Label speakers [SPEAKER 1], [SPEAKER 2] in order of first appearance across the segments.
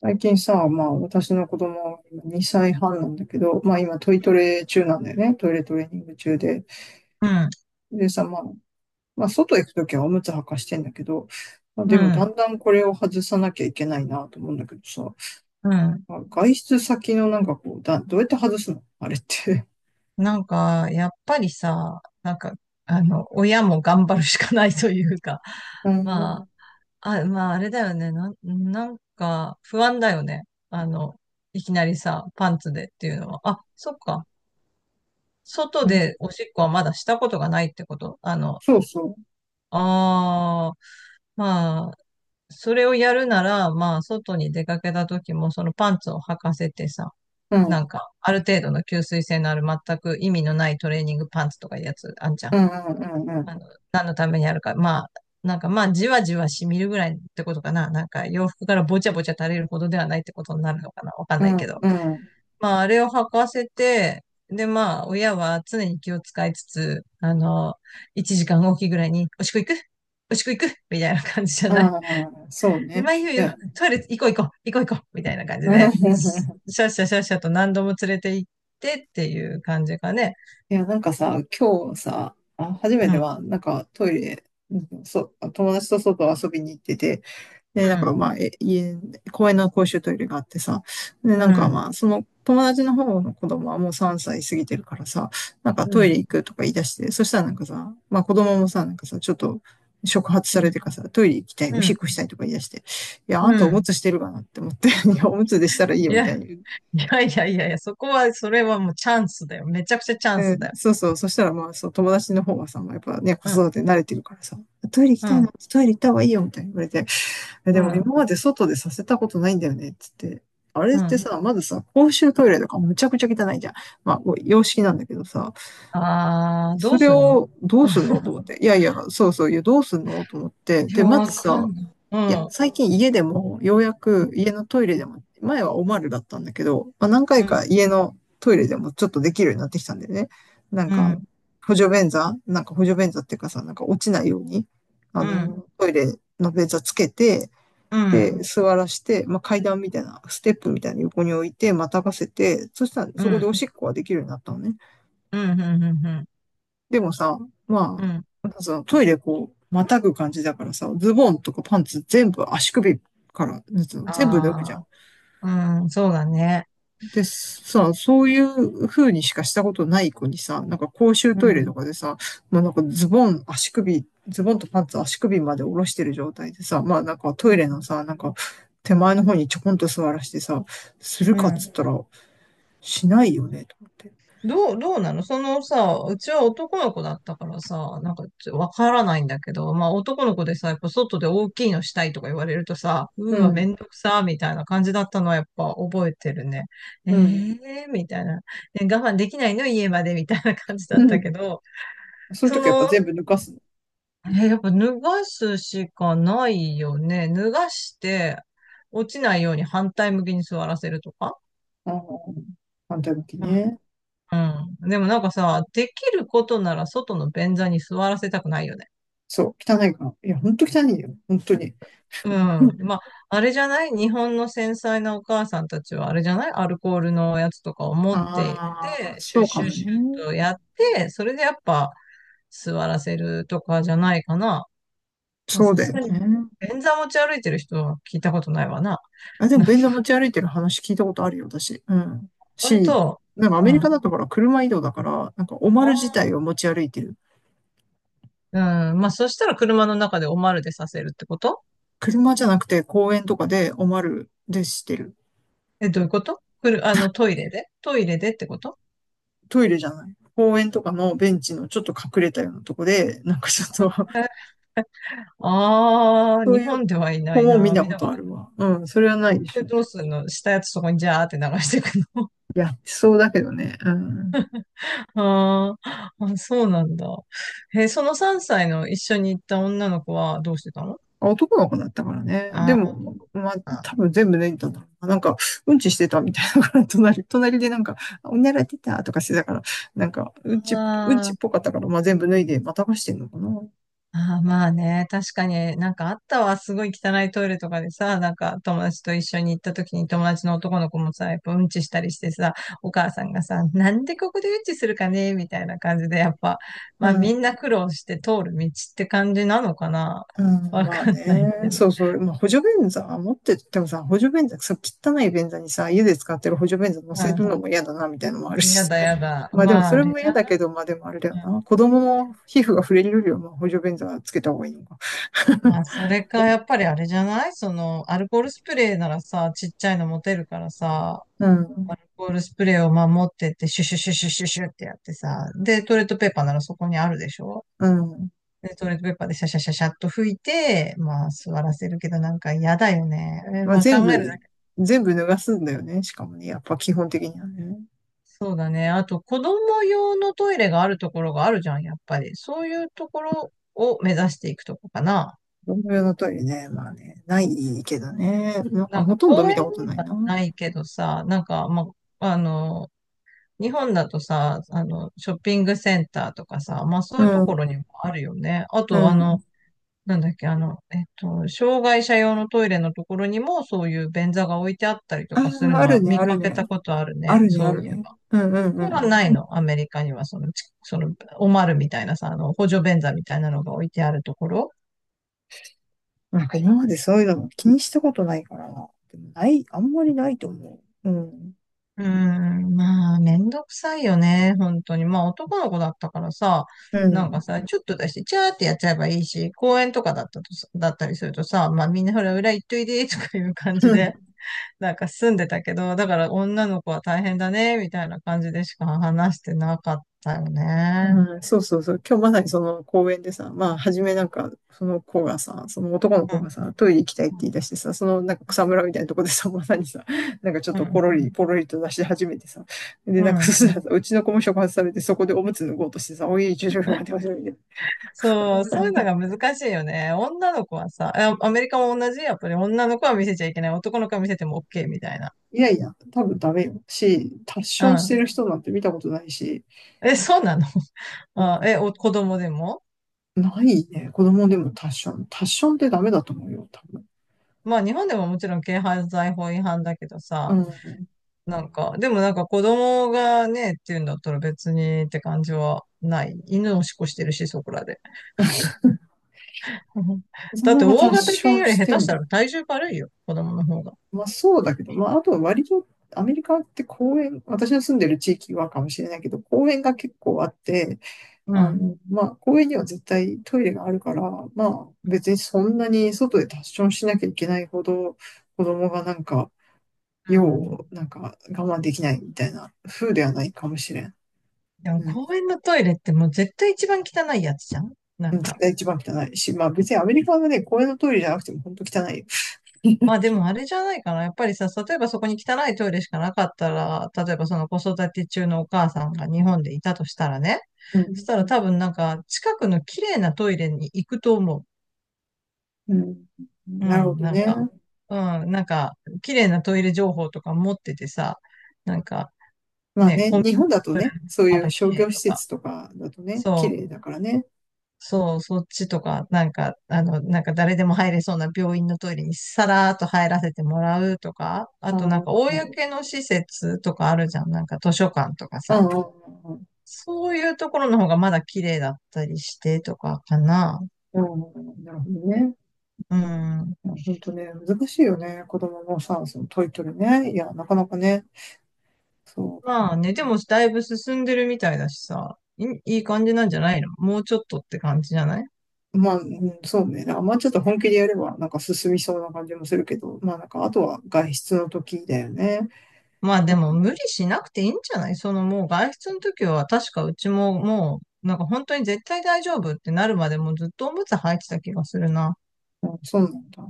[SPEAKER 1] 最近さ、まあ私の子供2歳半なんだけど、まあ今トイトレ中なんだよね。トイレトレーニング中で。
[SPEAKER 2] うん、
[SPEAKER 1] でさ、まあ、まあ外行くときはおむつ履かしてんだけど、まあ
[SPEAKER 2] う
[SPEAKER 1] でもだ
[SPEAKER 2] ん、
[SPEAKER 1] んだんこれを外さなきゃいけないなと思うんだけどさ、
[SPEAKER 2] うん。
[SPEAKER 1] まあ外出先のなんかこう、どうやって外すのあれって。
[SPEAKER 2] やっぱりさ、親も頑張るしかないというか、
[SPEAKER 1] う ん、
[SPEAKER 2] まあれだよね。不安だよね。あの、いきなりさ、パンツでっていうのは。あ、そっか。外
[SPEAKER 1] うん、
[SPEAKER 2] でおしっこはまだしたことがないってこと
[SPEAKER 1] そうそ
[SPEAKER 2] ああ、まあ、それをやるなら、まあ、外に出かけた時も、そのパンツを履かせてさ、
[SPEAKER 1] う。うん、う
[SPEAKER 2] な
[SPEAKER 1] ん、
[SPEAKER 2] んか、ある程度の吸水性のある全く意味のないトレーニングパンツとかいうやつあんじゃん。
[SPEAKER 1] うん、うん、
[SPEAKER 2] あの、何のためにあるか。なんかまあ、じわじわ染みるぐらいってことかな。なんか、洋服からぼちゃぼちゃ垂れるほどではないってことになるのかな。わかん
[SPEAKER 1] う
[SPEAKER 2] ないけ
[SPEAKER 1] ん、
[SPEAKER 2] ど。
[SPEAKER 1] うん、
[SPEAKER 2] まあ、あれを履かせて、で、まあ、親は常に気を使いつつ、1時間おきぐらいに、おしっこ行くみたいな感じじゃ
[SPEAKER 1] う
[SPEAKER 2] ない？
[SPEAKER 1] ん、うんそう
[SPEAKER 2] で、
[SPEAKER 1] ね。
[SPEAKER 2] まあ、いいよいい
[SPEAKER 1] い
[SPEAKER 2] よ、
[SPEAKER 1] や、
[SPEAKER 2] トイレ行こう行こう、行こう行こう、みたいな感じで、ししゃしゃしゃしゃと何度も連れて行ってっていう感じかね。
[SPEAKER 1] いや、なんかさ、今日さ、あ、初め
[SPEAKER 2] う
[SPEAKER 1] て
[SPEAKER 2] ん、
[SPEAKER 1] は、なんかトイレ、うんそう、友達と外遊びに行ってて、で、
[SPEAKER 2] う
[SPEAKER 1] なん
[SPEAKER 2] ん、
[SPEAKER 1] かまあ、公園の公衆トイレがあってさ、で、
[SPEAKER 2] う
[SPEAKER 1] なんか
[SPEAKER 2] ん、
[SPEAKER 1] まあ、その友達の方の子供はもう3歳過ぎてるからさ、なん
[SPEAKER 2] う
[SPEAKER 1] かトイレ
[SPEAKER 2] ん、
[SPEAKER 1] 行くとか言い出して、そしたらなんかさ、まあ子供もさ、なんかさ、ちょっと触発
[SPEAKER 2] う
[SPEAKER 1] され
[SPEAKER 2] ん、
[SPEAKER 1] てかさ、トイレ行きたい、お
[SPEAKER 2] う
[SPEAKER 1] しっ
[SPEAKER 2] ん。
[SPEAKER 1] こしたいとか言い出して、いや、あんたおむつしてるかなって思って、いや、おむつでしたらいいよみたいに。
[SPEAKER 2] いやいやいやいやいや、そこは、それはもうチャンスだよ。めちゃくちゃチャ
[SPEAKER 1] う
[SPEAKER 2] ンス
[SPEAKER 1] ん、
[SPEAKER 2] だよ。
[SPEAKER 1] そうそう。そしたらまあ、そう、友達の方はさ、まあやっぱね、子
[SPEAKER 2] うん、
[SPEAKER 1] 育て慣れてるからさ、トイレ行き
[SPEAKER 2] う
[SPEAKER 1] たいな、
[SPEAKER 2] ん、
[SPEAKER 1] トイレ行った方がいいよ、みたいに言われて、え
[SPEAKER 2] う
[SPEAKER 1] でも
[SPEAKER 2] ん、
[SPEAKER 1] 今まで外でさせたことないんだよね、っつって。あれっ
[SPEAKER 2] う
[SPEAKER 1] て
[SPEAKER 2] ん。
[SPEAKER 1] さ、まずさ、公衆トイレとかむちゃくちゃ汚いじゃん。まあ、こう洋式なんだけどさ、
[SPEAKER 2] あー、
[SPEAKER 1] そ
[SPEAKER 2] どう
[SPEAKER 1] れ
[SPEAKER 2] すんの？
[SPEAKER 1] をどうすんのと 思って。いやいや、そうそう、いや、どうすんのと思って。
[SPEAKER 2] い
[SPEAKER 1] で、
[SPEAKER 2] や、
[SPEAKER 1] ま
[SPEAKER 2] わ
[SPEAKER 1] ず
[SPEAKER 2] か
[SPEAKER 1] さ、
[SPEAKER 2] んない。う
[SPEAKER 1] いや、
[SPEAKER 2] ん、う
[SPEAKER 1] 最近家でも、ようや
[SPEAKER 2] ん、
[SPEAKER 1] く家のトイレでも、前はおまるだったんだけど、まあ、何回
[SPEAKER 2] う
[SPEAKER 1] か
[SPEAKER 2] ん、
[SPEAKER 1] 家のトイレでもちょっとできるようになってきたんだよね。なん
[SPEAKER 2] う
[SPEAKER 1] か、
[SPEAKER 2] ん、
[SPEAKER 1] 補助便座っていうかさ、なんか落ちないように、
[SPEAKER 2] うん、
[SPEAKER 1] トイレの便座つけて、
[SPEAKER 2] う
[SPEAKER 1] で、
[SPEAKER 2] ん、
[SPEAKER 1] 座らして、まあ、階段みたいな、ステップみたいな横に置いて、またがせて、そしたら
[SPEAKER 2] う
[SPEAKER 1] そこで
[SPEAKER 2] ん、
[SPEAKER 1] おしっこはできるようになったのね。
[SPEAKER 2] うん、うん、うん。
[SPEAKER 1] でもさ、ま
[SPEAKER 2] う
[SPEAKER 1] あ、
[SPEAKER 2] ん、
[SPEAKER 1] なんかさ、トイレこう、またぐ感じだからさ、ズボンとかパンツ全部足首から、なんつうの全部脱ぐじゃ
[SPEAKER 2] あ
[SPEAKER 1] ん。
[SPEAKER 2] あ、うん、そうだね。
[SPEAKER 1] で、さ、そういう風にしかしたことない子にさ、なんか公衆
[SPEAKER 2] う
[SPEAKER 1] トイレと
[SPEAKER 2] ん、
[SPEAKER 1] かでさ、もうなんかズボンとパンツ足首まで下ろしてる状態でさ、まあなんかト
[SPEAKER 2] う
[SPEAKER 1] イレ
[SPEAKER 2] ん、
[SPEAKER 1] のさ、なんか手前の方にちょこんと座らしてさ、する
[SPEAKER 2] う
[SPEAKER 1] かっつっ
[SPEAKER 2] ん。
[SPEAKER 1] たら、しないよね、と思って。
[SPEAKER 2] どうなのそのさ、うちは男の子だったからさ、なんかわからないんだけど、まあ男の子でさ、やっぱ外で大きいのしたいとか言われるとさ、う
[SPEAKER 1] う
[SPEAKER 2] ーわ、め
[SPEAKER 1] ん、
[SPEAKER 2] んどくさー、みたいな感じだったのはやっぱ覚えてるね。え
[SPEAKER 1] うん、
[SPEAKER 2] えー、みたいな。え、我慢できないの家まで、みたいな感じだ
[SPEAKER 1] う
[SPEAKER 2] った
[SPEAKER 1] ん。
[SPEAKER 2] けど、
[SPEAKER 1] そういう時
[SPEAKER 2] そ
[SPEAKER 1] はやっぱ
[SPEAKER 2] の、
[SPEAKER 1] 全部抜かす。
[SPEAKER 2] やっぱ脱がすしかないよね。脱がして、落ちないように反対向きに座らせるとか。
[SPEAKER 1] ああ、反対向きね。
[SPEAKER 2] うん。でもなんかさ、できることなら外の便座に座らせたくないよね。
[SPEAKER 1] そう、汚いから。いや、ほんと汚いよ。本当に。
[SPEAKER 2] うん。まあ、あれじゃない？日本の繊細なお母さんたちはあれじゃない？アルコールのやつとかを持っていっ
[SPEAKER 1] あ
[SPEAKER 2] て、
[SPEAKER 1] あ、
[SPEAKER 2] シュ
[SPEAKER 1] そ
[SPEAKER 2] ッ
[SPEAKER 1] うか
[SPEAKER 2] シュッ
[SPEAKER 1] も
[SPEAKER 2] シュッ
[SPEAKER 1] ね。
[SPEAKER 2] とやって、それでやっぱ座らせるとかじゃないかな。まあ、
[SPEAKER 1] そう
[SPEAKER 2] さ
[SPEAKER 1] だ
[SPEAKER 2] す
[SPEAKER 1] よ
[SPEAKER 2] がに、
[SPEAKER 1] ね。
[SPEAKER 2] 便座持ち歩いてる人は聞いたことないわな。
[SPEAKER 1] あ、でも
[SPEAKER 2] な、
[SPEAKER 1] 便座持ち歩いてる話聞いたことあるよ、私。うん。
[SPEAKER 2] 本
[SPEAKER 1] し、
[SPEAKER 2] 当？
[SPEAKER 1] なんかア
[SPEAKER 2] う
[SPEAKER 1] メリカ
[SPEAKER 2] ん。
[SPEAKER 1] だとほら、車移動だから、なんかおまる自
[SPEAKER 2] あ
[SPEAKER 1] 体を持ち歩いてる。
[SPEAKER 2] ー、うん。まあ、そしたら車の中でおまるでさせるってこと？
[SPEAKER 1] 車じゃなくて公園とかでおまるでしてる。
[SPEAKER 2] え、どういうこと？くる、あの、トイレで、トイレでってこと？
[SPEAKER 1] トイレじゃない。公園とかのベンチのちょっと隠れたようなとこで、なんかちょっと。
[SPEAKER 2] ああ ー、
[SPEAKER 1] そう
[SPEAKER 2] 日
[SPEAKER 1] いう
[SPEAKER 2] 本ではいな
[SPEAKER 1] 子
[SPEAKER 2] い
[SPEAKER 1] も見
[SPEAKER 2] な。
[SPEAKER 1] た
[SPEAKER 2] 見
[SPEAKER 1] こ
[SPEAKER 2] たこ
[SPEAKER 1] と
[SPEAKER 2] と
[SPEAKER 1] あ
[SPEAKER 2] な
[SPEAKER 1] る
[SPEAKER 2] い。
[SPEAKER 1] わ。うん、それはないでし
[SPEAKER 2] で、
[SPEAKER 1] ょ。
[SPEAKER 2] どうすんの？したやつそこにジャーって流していくの？
[SPEAKER 1] やってそうだけどね。うん。
[SPEAKER 2] あーあ、そうなんだ。え、その3歳の一緒に行った女の子はどうしてたの？
[SPEAKER 1] 男の子だったからね。で
[SPEAKER 2] あ
[SPEAKER 1] も、まあ、多
[SPEAKER 2] ー、
[SPEAKER 1] 分全部脱いだんだろうな。なんか、うんちしてたみたいなから、隣でなんか、おなら出たとかしてたから、なんか、うんちっ
[SPEAKER 2] あ
[SPEAKER 1] ぽかったから、まあ全部脱いで、またがしてんのかな。
[SPEAKER 2] ああ、まあね、確かになんかあったわ、すごい汚いトイレとかでさ、なんか友達と一緒に行った時に友達の男の子もさ、やっぱうんちしたりしてさ、お母さんがさ、なんでここでうんちするかねみたいな感じで、やっぱ、
[SPEAKER 1] う
[SPEAKER 2] まあみ
[SPEAKER 1] ん。
[SPEAKER 2] んな苦労して通る道って感じなのかな。
[SPEAKER 1] うん、
[SPEAKER 2] わ
[SPEAKER 1] まあ
[SPEAKER 2] かんない
[SPEAKER 1] ね。
[SPEAKER 2] けど。
[SPEAKER 1] そうそう。まあ、補助便座持っててもさ、補助便座、さ、汚い便座にさ、家で使ってる補助便座乗せる
[SPEAKER 2] う
[SPEAKER 1] のも嫌だな、みたいなのもある
[SPEAKER 2] ん。
[SPEAKER 1] し
[SPEAKER 2] や
[SPEAKER 1] さ。
[SPEAKER 2] だやだ。
[SPEAKER 1] まあでも
[SPEAKER 2] まあ
[SPEAKER 1] そ
[SPEAKER 2] あ
[SPEAKER 1] れ
[SPEAKER 2] れ
[SPEAKER 1] も
[SPEAKER 2] じゃ
[SPEAKER 1] 嫌だ
[SPEAKER 2] な
[SPEAKER 1] け
[SPEAKER 2] い、
[SPEAKER 1] ど、まあでもあれだよ
[SPEAKER 2] う
[SPEAKER 1] な。
[SPEAKER 2] ん、
[SPEAKER 1] 子供の皮膚が触れるよりは、まあ補助便座つけた方がいいのか。
[SPEAKER 2] まあそれか、やっぱりあれじゃない？その、アルコールスプレーならさ、ちっちゃいの持てるからさ、
[SPEAKER 1] う
[SPEAKER 2] ア
[SPEAKER 1] ん。
[SPEAKER 2] ルコールスプレーを守ってって、シュシュシュシュシュシュってやってさ、で、トイレットペーパーならそこにあるでしょ？
[SPEAKER 1] うん。
[SPEAKER 2] で、トイレットペーパーでシャシャシャシャっと拭いて、まあ、座らせるけど、なんか嫌だよね。え、
[SPEAKER 1] まあ、
[SPEAKER 2] まあ、考えるだけ。
[SPEAKER 1] 全部脱がすんだよね。しかもね、やっぱ基本的にはね。
[SPEAKER 2] そうだね。あと、子供用のトイレがあるところがあるじゃん、やっぱり。そういうところを目指していくとこかな。
[SPEAKER 1] 同僚のトイレね、まあね、ないけどね。なん
[SPEAKER 2] な
[SPEAKER 1] か
[SPEAKER 2] ん
[SPEAKER 1] ほ
[SPEAKER 2] か、
[SPEAKER 1] とんど
[SPEAKER 2] 公
[SPEAKER 1] 見
[SPEAKER 2] 園
[SPEAKER 1] た
[SPEAKER 2] に
[SPEAKER 1] ことない
[SPEAKER 2] は
[SPEAKER 1] な。
[SPEAKER 2] ないけどさ、あ、あの、日本だとさ、ショッピングセンターとかさ、まあそ
[SPEAKER 1] う
[SPEAKER 2] ういうとこ
[SPEAKER 1] ん。
[SPEAKER 2] ろにもあるよね。あ
[SPEAKER 1] う
[SPEAKER 2] と、あの、
[SPEAKER 1] ん。
[SPEAKER 2] なんだっけ、あの、えっと、障害者用のトイレのところにもそういう便座が置いてあったりと
[SPEAKER 1] あ
[SPEAKER 2] かする
[SPEAKER 1] あ、あ
[SPEAKER 2] のは
[SPEAKER 1] るね、
[SPEAKER 2] 見
[SPEAKER 1] ある
[SPEAKER 2] かけた
[SPEAKER 1] ね。
[SPEAKER 2] ことある
[SPEAKER 1] あ
[SPEAKER 2] ね。
[SPEAKER 1] るね、
[SPEAKER 2] そ
[SPEAKER 1] あ
[SPEAKER 2] う
[SPEAKER 1] る
[SPEAKER 2] いう。
[SPEAKER 1] ね。うんうんうんう
[SPEAKER 2] それはな
[SPEAKER 1] ん。
[SPEAKER 2] いの？アメリカにはその、おまるみたいなさ、あの、補助便座みたいなのが置いてあるところ。
[SPEAKER 1] なんか今までそういうのも気にしたことないからな。でもない、あんまりないと思う。うん。
[SPEAKER 2] うーん、まあ、めんどくさいよね。本当に。まあ、男の子だったからさ、
[SPEAKER 1] う
[SPEAKER 2] なんか
[SPEAKER 1] ん。
[SPEAKER 2] さ、ちょっと出して、チャーってやっちゃえばいいし、公園とかだったとさ、だったりするとさ、まあ、みんなほら、裏行っといで、とかいう感じで、なんか住んでたけど、だから女の子は大変だね、みたいな感じでしか話してなかったよね。
[SPEAKER 1] うん、そうそうそう。今日まさにその公園でさ、まあ、初めなんか、その子がさ、その男の
[SPEAKER 2] う
[SPEAKER 1] 子
[SPEAKER 2] ん。
[SPEAKER 1] がさ、トイレ行きたいって
[SPEAKER 2] うん。
[SPEAKER 1] 言い出してさ、そのなんか草むらみたいなとこでさ、まさにさ、なんかちょっ
[SPEAKER 2] う
[SPEAKER 1] と
[SPEAKER 2] ん。
[SPEAKER 1] ポロリと出し始めてさ、で、
[SPEAKER 2] う
[SPEAKER 1] なん
[SPEAKER 2] ん、
[SPEAKER 1] か
[SPEAKER 2] う
[SPEAKER 1] そ
[SPEAKER 2] ん、
[SPEAKER 1] したらさ、うちの子も触発されて、そこでおむつ脱ごうとしてさ、おい、ちょちょちょ、待て待て待て。
[SPEAKER 2] そう、そういうのが難しいよね。女の子はさ、アメリカも同じ、やっぱり女の子は見せちゃいけない。男の子は見せても OK みたいな。
[SPEAKER 1] いやいや、多分ダメよ。し、タッションし
[SPEAKER 2] う
[SPEAKER 1] てる人なんて見たことないし、
[SPEAKER 2] ん。え、そうなの？
[SPEAKER 1] うん、
[SPEAKER 2] 子供でも？
[SPEAKER 1] ないね。子供でもタッション。タッションってダメだと思うよ、多分。
[SPEAKER 2] まあ日本でももちろん軽犯罪法違反だけど
[SPEAKER 1] う
[SPEAKER 2] さ、
[SPEAKER 1] ん。
[SPEAKER 2] なんか、でもなんか子供がね、っていうんだったら別にって感じはない。犬をしっこしてるし、そこらで。うん、
[SPEAKER 1] 子
[SPEAKER 2] だっ
[SPEAKER 1] 供
[SPEAKER 2] て
[SPEAKER 1] がタ
[SPEAKER 2] 大
[SPEAKER 1] ッ
[SPEAKER 2] 型
[SPEAKER 1] ショ
[SPEAKER 2] 犬
[SPEAKER 1] ン
[SPEAKER 2] より
[SPEAKER 1] し
[SPEAKER 2] 下
[SPEAKER 1] て
[SPEAKER 2] 手し
[SPEAKER 1] んの？
[SPEAKER 2] たら体重軽いよ、子供の方が。
[SPEAKER 1] まあそうだけど、まああとは割とアメリカって公園、私の住んでる地域はかもしれないけど、公園が結構あって、
[SPEAKER 2] うん。
[SPEAKER 1] まあ公園には絶対トイレがあるから、まあ別にそんなに外でタッションしなきゃいけないほど子供がなんか、
[SPEAKER 2] う
[SPEAKER 1] 用
[SPEAKER 2] ん、
[SPEAKER 1] をなんか我慢できないみたいな風ではないかもしれん。
[SPEAKER 2] でも
[SPEAKER 1] うん。
[SPEAKER 2] 公園のトイレってもう絶対一番汚いやつじゃん？な
[SPEAKER 1] う
[SPEAKER 2] ん
[SPEAKER 1] ん絶
[SPEAKER 2] か。
[SPEAKER 1] 対一番汚いし、まあ別にアメリカのね、公園のトイレじゃなくても本当汚いよ。
[SPEAKER 2] まあ でもあれじゃないかな。やっぱりさ、例えばそこに汚いトイレしかなかったら、例えばその子育て中のお母さんが日本でいたとしたらね。
[SPEAKER 1] う
[SPEAKER 2] そし
[SPEAKER 1] ん。
[SPEAKER 2] たら多分なんか近くの綺麗なトイレに行くと思う。
[SPEAKER 1] うん。
[SPEAKER 2] う
[SPEAKER 1] なるほ
[SPEAKER 2] ん、
[SPEAKER 1] ど
[SPEAKER 2] なん
[SPEAKER 1] ね。
[SPEAKER 2] か。うん、なんか綺麗なトイレ情報とか持っててさ、なんか
[SPEAKER 1] まあ
[SPEAKER 2] ね、
[SPEAKER 1] ね、
[SPEAKER 2] コンビ
[SPEAKER 1] 日本
[SPEAKER 2] ニ
[SPEAKER 1] だ
[SPEAKER 2] の
[SPEAKER 1] と
[SPEAKER 2] トイレ
[SPEAKER 1] ね、そう
[SPEAKER 2] ま
[SPEAKER 1] いう
[SPEAKER 2] だ綺
[SPEAKER 1] 商
[SPEAKER 2] 麗
[SPEAKER 1] 業施
[SPEAKER 2] とか。
[SPEAKER 1] 設とかだとね、綺
[SPEAKER 2] そう、
[SPEAKER 1] 麗だからね。
[SPEAKER 2] そう、そっちとか、なんか誰でも入れそうな病院のトイレにさらーっと入らせてもらうとか、あ
[SPEAKER 1] あ
[SPEAKER 2] となん
[SPEAKER 1] あ、
[SPEAKER 2] か
[SPEAKER 1] あ
[SPEAKER 2] 公の施設とかあるじゃん、なんか図書館とか
[SPEAKER 1] あ、
[SPEAKER 2] さ、
[SPEAKER 1] ああ、
[SPEAKER 2] そういうところの方がまだ綺麗だったりしてとかかな。
[SPEAKER 1] ああ、なるほどね。
[SPEAKER 2] うん。
[SPEAKER 1] いや本当ね、難しいよね。子供のさ、そのトイトレね。いや、なかなかね、そ
[SPEAKER 2] まあね、でもだいぶ進んでるみたいだしさ、い感じなんじゃない？のもうちょっとって感じじゃない？
[SPEAKER 1] う。まあ、うんそうね。あんまちょっと本気でやれば、なんか進みそうな感じもするけど、まあなんか、あとは外出の時だよね。
[SPEAKER 2] まあでも無理しなくていいんじゃない？そのもう外出の時は確かうちももうなんか本当に絶対大丈夫ってなるまでもうずっとおむつ履いてた気がするな。
[SPEAKER 1] うん、そうなんだ。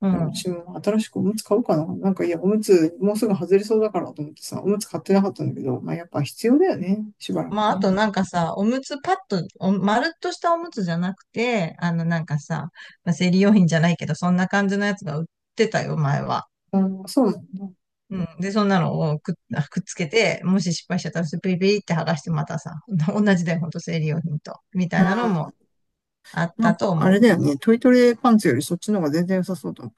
[SPEAKER 2] う
[SPEAKER 1] じゃあ、う
[SPEAKER 2] ん。
[SPEAKER 1] ちも新しくおむつ買おうかな。なんか、いや、おむつ、もうすぐ外れそうだからと思ってさ、おむつ買ってなかったんだけど、まあやっぱ必要だよね。しばらく
[SPEAKER 2] まああ
[SPEAKER 1] ね。
[SPEAKER 2] となんかさ、おむつパッと、お丸っとしたおむつじゃなくて、あのなんかさ、まあ、生理用品じゃないけどそんな感じのやつが売ってたよ、前は。
[SPEAKER 1] うん、そうなの。
[SPEAKER 2] うん。で、そんなのをくっつけて、もし失敗しちゃったらスピリピリって剥がしてまたさ、同じだよ、ほんと生理用品と。みた
[SPEAKER 1] う
[SPEAKER 2] いなのも
[SPEAKER 1] ん
[SPEAKER 2] あっ
[SPEAKER 1] なん
[SPEAKER 2] た
[SPEAKER 1] か、
[SPEAKER 2] と
[SPEAKER 1] あ
[SPEAKER 2] 思
[SPEAKER 1] れ
[SPEAKER 2] う。
[SPEAKER 1] だよね。トイトレパンツよりそっちの方が全然良さそうだもん。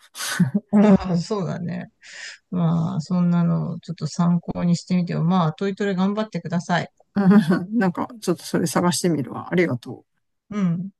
[SPEAKER 2] うん、そうだね。まあ、そんなのをちょっと参考にしてみてよ。まあ、トイトレ頑張ってください。
[SPEAKER 1] うんなんか、ちょっとそれ探してみるわ。ありがとう。
[SPEAKER 2] うん。